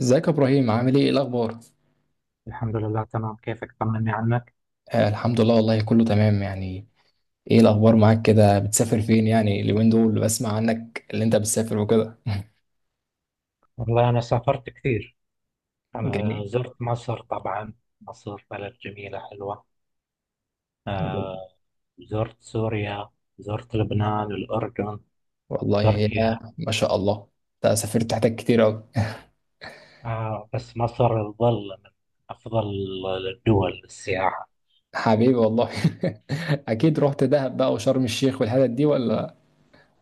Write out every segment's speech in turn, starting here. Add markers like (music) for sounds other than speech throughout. ازيك يا ابراهيم؟ عامل ايه؟ الاخبار؟ الحمد لله، تمام. كيفك؟ طمني عنك. آه، الحمد لله، والله كله تمام يعني. ايه الاخبار معاك؟ كده بتسافر فين يعني اليومين دول؟ بسمع عنك اللي انت بتسافر وكده. والله، أنا سافرت كثير. أنا جميل زرت مصر طبعا. مصر بلد جميلة حلوة. جميل. آه. زرت سوريا، زرت لبنان، الأردن، والله يا... تركيا. ما شاء الله، انت سافرت حتت كتير اوي. (laughs) آه، بس مصر تظل من أفضل الدول للسياحة. حبيبي والله. (laughs) اكيد رحت دهب بقى وشرم الشيخ والحتت دي؟ ولا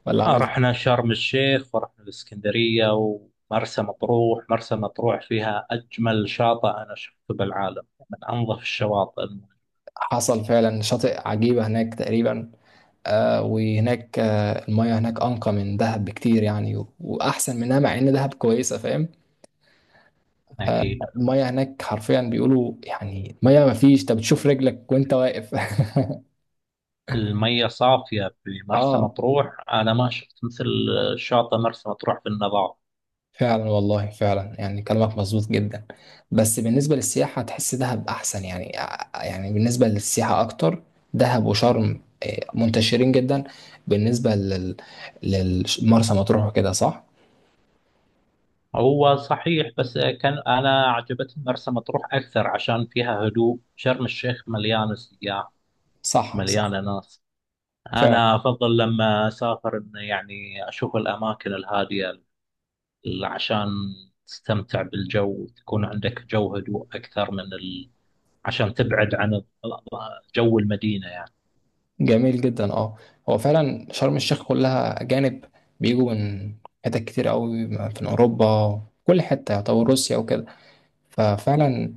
ولا آه، عملت؟ رحنا شرم الشيخ ورحنا الإسكندرية ومرسى مطروح. مرسى مطروح فيها أجمل شاطئ أنا شفته بالعالم، من أنظف الشواطئ. حصل فعلا، شاطئ عجيبة هناك تقريبا. آه، وهناك المياه هناك انقى من دهب بكتير يعني، واحسن منها، مع ان دهب كويسة، فاهم؟ آه، أكيد. المية هناك حرفيا بيقولوا يعني مية، ما فيش، انت بتشوف رجلك وانت واقف. المية صافية (laughs) بمرسى اه، مطروح، أنا ما شفت مثل شاطئ مرسى مطروح بالنظافة. فعلا والله فعلا، يعني كلامك مظبوط جدا. بس بالنسبة للسياحة تحس دهب احسن يعني، يعني بالنسبة للسياحة اكتر، دهب وشرم منتشرين جدا بالنسبة للمرسى مطروح وكده، صح؟ هو صحيح، بس كان أنا عجبتني مرسى مطروح أكثر عشان فيها هدوء. شرم الشيخ مليانة سياح، صح، صح مليانة ناس. فعلا، أنا أفضل لما أسافر إن، يعني، أشوف الأماكن الهادية. عشان تستمتع بالجو، تكون عندك جو هدوء أكثر من عشان تبعد عن جو المدينة يعني. جميل جدا. اه، هو فعلا شرم الشيخ كلها أجانب، بيجوا من حتت كتير قوي من أوروبا، كل حتة، يعتبر روسيا وكده. ففعلا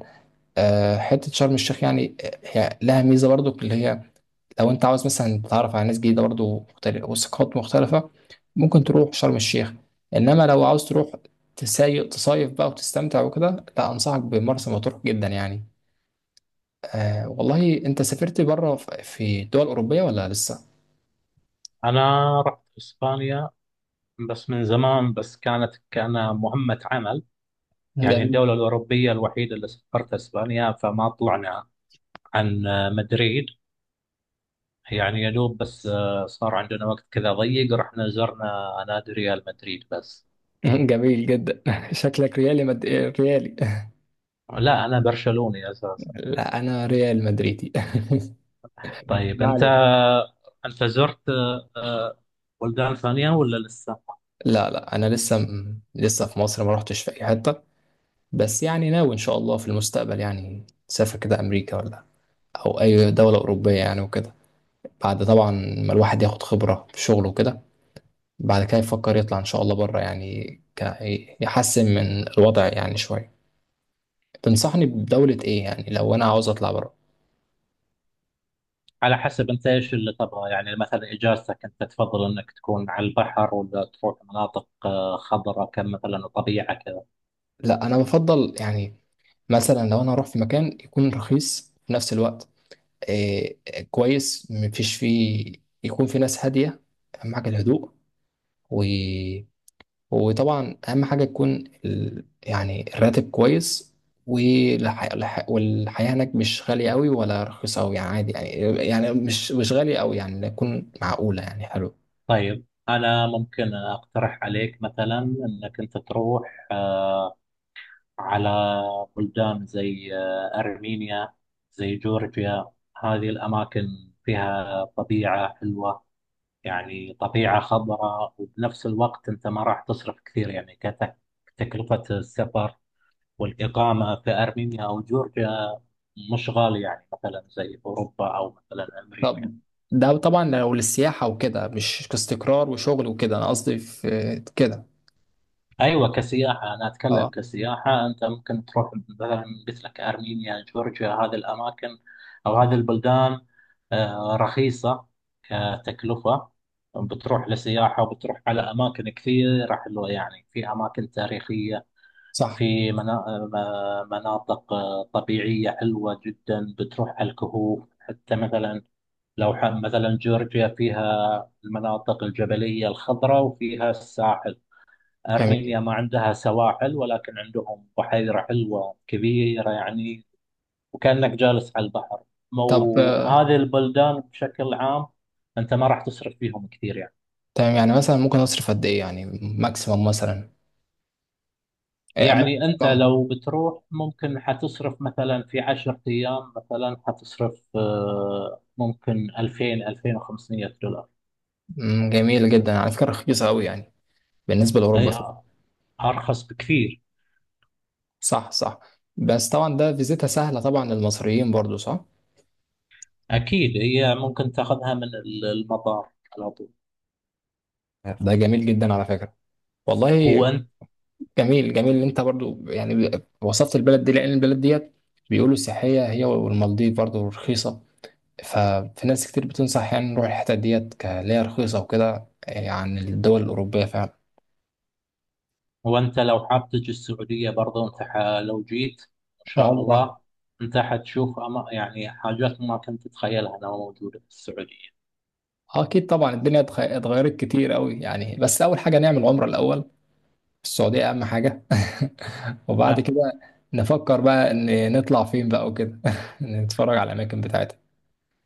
حتة شرم الشيخ يعني، هي لها ميزة برضو، اللي هي لو انت عاوز مثلا تتعرف على ناس جديده برضو مختلفه وثقافات مختلفه، ممكن تروح شرم الشيخ. انما لو عاوز تروح تصيف بقى وتستمتع وكده، لا، انصحك بمرسى مطروح جدا يعني. آه، والله انت سافرت بره في دول اوروبيه ولا لسه؟ أنا رحت إسبانيا، بس من زمان، بس كانت كمهمة عمل. يعني جميل. الدولة الأوروبية الوحيدة اللي سافرت أسبانيا، فما طلعنا عن مدريد يعني، يا دوب بس. صار عندنا وقت كذا ضيق، رحنا زرنا نادي ريال مدريد بس. (laughs) جميل جدا. (laughs) شكلك ريالي. (laughs) لا، أنا برشلوني أساسا. لا انا ريال مدريدي. (laughs) طيب، ما أنت، عليك. أنت زرت بلدان ثانية ولا لسه؟ لا لا، انا لسه لسه في مصر، ما رحتش في اي حته. بس يعني ناوي ان شاء الله في المستقبل يعني سافر كده امريكا ولا او اي دوله اوروبيه يعني وكده، بعد طبعا ما الواحد ياخد خبره في شغله وكده، بعد كده يفكر يطلع ان شاء الله بره يعني، ك... يحسن من الوضع يعني شويه. تنصحني بدوله ايه يعني لو انا عاوز اطلع بره؟ على حسب أنت إيش اللي تبغى يعني. مثلا إجازتك، أنت تفضل أنك تكون على البحر ولا تروح مناطق خضراء كم مثلا وطبيعة كذا؟ لا، انا بفضل يعني مثلا لو انا هروح في مكان، يكون رخيص في نفس الوقت، إيه، كويس، مفيش فيه، يكون في ناس هادية، اهم حاجة الهدوء، و... وطبعا اهم حاجة تكون يعني الراتب كويس، والحياة هناك مش غالية قوي ولا رخيصة قوي، يعني عادي يعني، يعني مش غالية قوي، يعني تكون معقولة يعني، حلو. طيب، أنا ممكن أقترح عليك مثلا أنك أنت تروح على بلدان زي أرمينيا، زي جورجيا. هذه الأماكن فيها طبيعة حلوة، يعني طبيعة خضراء. وبنفس الوقت أنت ما راح تصرف كثير يعني. كتكلفة السفر والإقامة في أرمينيا أو جورجيا، مش غالي يعني، مثلا زي أوروبا أو مثلا أمريكا. طب ده طبعا لو للسياحة وكده، مش كاستقرار وشغل وكده، انا قصدي في كده. ايوه، كسياحه انا اتكلم، اه، كسياحه. انت ممكن تروح مثلا، قلت لك ارمينيا، جورجيا، هذه الاماكن او هذه البلدان، رخيصه كتكلفه. بتروح لسياحه وبتروح على اماكن كثيره حلوه يعني. في اماكن تاريخيه، صح، في مناطق طبيعيه حلوه جدا. بتروح على الكهوف حتى مثلا. لو مثلا جورجيا فيها المناطق الجبليه الخضراء وفيها الساحل. جميل. أرمينيا ما عندها سواحل، ولكن عندهم بحيرة حلوة كبيرة يعني، وكأنك جالس على البحر. طب وهذه البلدان بشكل عام، أنت ما راح تصرف فيهم كثير يعني. تمام، يعني مثلا ممكن اصرف قد ايه يعني؟ ماكسيمم مثلا؟ إيه، يعني أنت ماكسيمم. لو بتروح، ممكن حتصرف مثلا في عشرة أيام. مثلا حتصرف ممكن 2000 2500 دولار. مم، جميل جدا، على فكره رخيصه قوي يعني بالنسبه لاوروبا هي فعلا. أرخص بكثير. صح صح. بس طبعا ده فيزيتها سهله طبعا للمصريين برضو، صح؟ أكيد هي ممكن تاخذها من المطار على طول. ده جميل جدا على فكره والله. هو جميل جميل ان انت برضو يعني وصفت البلد دي، لان البلد ديت بيقولوا سياحيه هي والمالديف برضو رخيصه، ففي ناس كتير بتنصح يعني نروح الحتت ديت، كليها رخيصه وكده يعني، الدول الاوروبيه فعلا. هو انت لو حاب تجي السعودية برضه، انت لو جيت ان شاء عمره. الله، انت حتشوف يعني حاجات ما كنت تتخيلها انها موجودة في السعودية. اكيد طبعا الدنيا اتغيرت كتير قوي يعني. بس اول حاجه نعمل عمره الاول في السعوديه، اهم حاجه. (laughs) وبعد كده نفكر بقى ان نطلع فين بقى وكده. (laughs) نتفرج على الاماكن بتاعتها.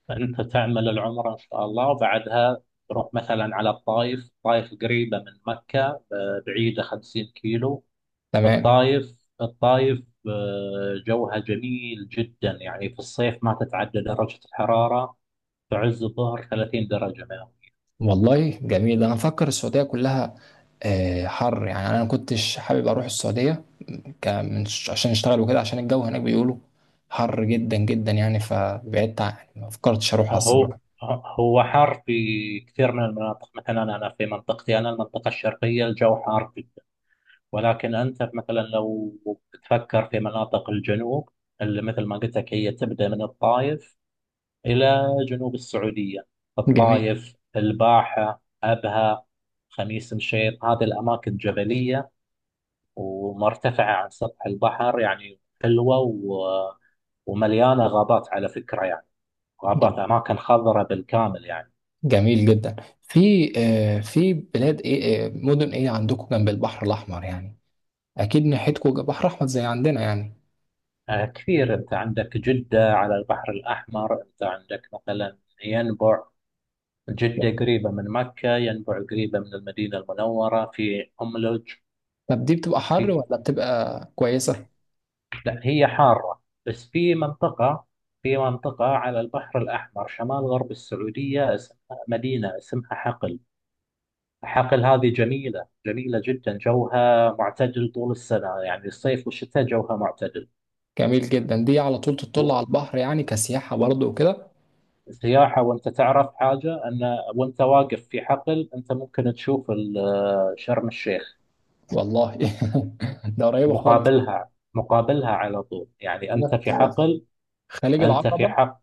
فانت تعمل العمرة ان شاء الله، وبعدها تروح مثلا على الطائف. الطائف قريبة من مكة، بعيدة 50 كيلو. تمام. الطائف، جوها جميل جدا يعني. في الصيف، ما تتعدى درجة الحرارة في عز الظهر 30 درجة. والله جميل. انا مفكر السعوديه كلها حر يعني، انا ما كنتش حابب اروح السعوديه عشان اشتغل وكده، عشان الجو هناك بيقولوا حر جدا جدا يعني، فبعدت ما فكرتش اروحها هو الصراحه. هو حار في كثير من المناطق. مثلا أنا، في منطقتي أنا المنطقة الشرقية، الجو حار جدا. ولكن أنت مثلا لو تفكر في مناطق الجنوب، اللي مثل ما قلت لك هي تبدأ من الطائف إلى جنوب السعودية. جميل. الطائف، الباحة، أبها، خميس مشيط، هذه الأماكن جبلية ومرتفعة عن سطح البحر يعني، حلوة ومليانة غابات على فكرة يعني. غابات، أماكن خضراء بالكامل يعني. جميل جدا. في في بلاد ايه مدن ايه عندكم جنب البحر الاحمر يعني؟ اكيد ناحيتكم بحر احمر زي عندنا يعني. كثير. أنت عندك جدة على البحر الأحمر، أنت عندك مثلا ينبع. جدة قريبة من مكة، ينبع قريبة من المدينة المنورة. في أملج. طب دي بتبقى حر في ولا بتبقى كويسة؟ لا، هي حارة. بس في منطقة، على البحر الأحمر شمال غرب السعودية، اسمها مدينة، اسمها حقل. حقل هذه جميلة، جميلة جدا، جوها معتدل طول السنة يعني، الصيف والشتاء جوها معتدل. جميل جدا، دي على طول تطل على البحر يعني، كسياحة برضه وكده. سياحة. وأنت تعرف حاجة أن، وأنت واقف في حقل، أنت ممكن تشوف شرم الشيخ. والله. (laughs) ده قريبة خالص. مقابلها، مقابلها على طول يعني، أنت في أنا في حقل. خليج أنت في العقبة. حق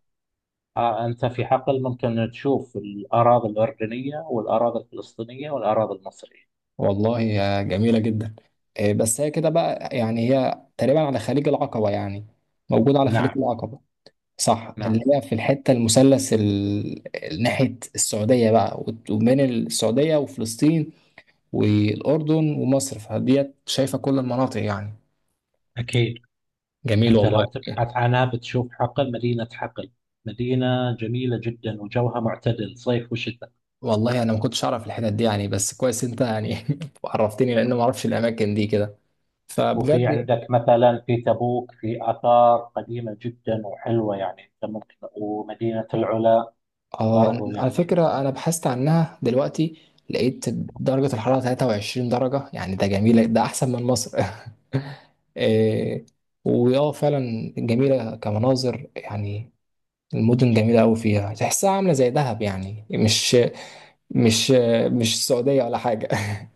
أنت في حقل ممكن تشوف الأراضي الأردنية والأراضي الفلسطينية والأراضي المصرية. والله يا، جميلة جدا. بس هي كده بقى يعني، هي تقريبا على خليج العقبة يعني، موجودة على خليج نعم. العقبة. صح، نعم. اللي هي في الحتة المثلث ناحية السعودية بقى، وبين السعودية وفلسطين والأردن ومصر، فديت شايفة كل المناطق يعني. أكيد. جميل أنت لو والله. تبحث عنها، بتشوف حقل، مدينة حقل، مدينة جميلة جدا وجوها معتدل صيف وشتاء. والله أنا ما كنتش أعرف الحتت دي يعني، بس كويس أنت يعني (laughs) عرفتني، لأن ما أعرفش الأماكن دي كده، وفي فبجد. عندك مثلا في تبوك في آثار قديمة جدا وحلوة يعني، أنت ممكن، ومدينة العلا برضو على يعني. فكرة أنا بحثت عنها دلوقتي، لقيت درجة الحرارة 23 درجة يعني، ده جميل، ده أحسن من مصر. (laughs) إيه، وياه فعلا جميلة كمناظر يعني، المدن جميلة أوي، فيها تحسها عاملة زي دهب يعني، مش مش السعودية ولا حاجة. (laughs)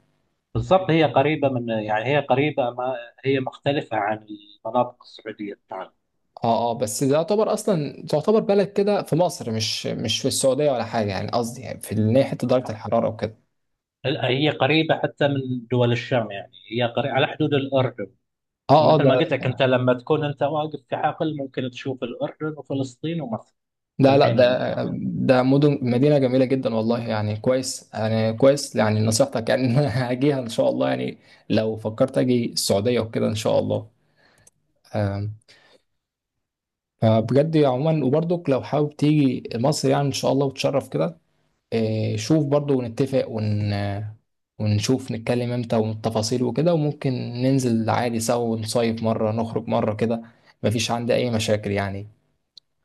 بالضبط، هي قريبة من، يعني هي قريبة، ما هي مختلفة عن المناطق السعودية بتاعنا. اه اه، بس ده يعتبر أصلا تعتبر بلد كده في مصر، مش في السعودية ولا حاجة يعني، قصدي يعني في إن هي حتة درجة الحرارة وكده. لا، هي قريبة حتى من دول الشام يعني، هي قريبة على حدود الأردن. اه اه، فمثل ده ما قلت لك، أنت لما تكون أنت واقف في حقل، ممكن تشوف الأردن وفلسطين ومصر في ده لا العين ده المجرد. مدن، مدينة جميلة جدا والله، يعني كويس يعني، كويس يعني نصيحتك يعني، إن أنا (laughs) هاجيها إن شاء الله يعني لو فكرت أجي السعودية وكده إن شاء الله. آم، فبجد عموما، وبرضك لو حابب تيجي مصر يعني إن شاء الله وتشرف كده، شوف برضو ونتفق ونشوف، نتكلم امتى والتفاصيل وكده، وممكن ننزل عادي سوا، ونصيف مرة، نخرج مرة كده، مفيش عندي أي مشاكل يعني.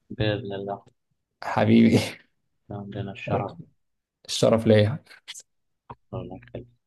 بإذن الله. حبيبي. عندنا (laughs) الشرف ليا. الشرف.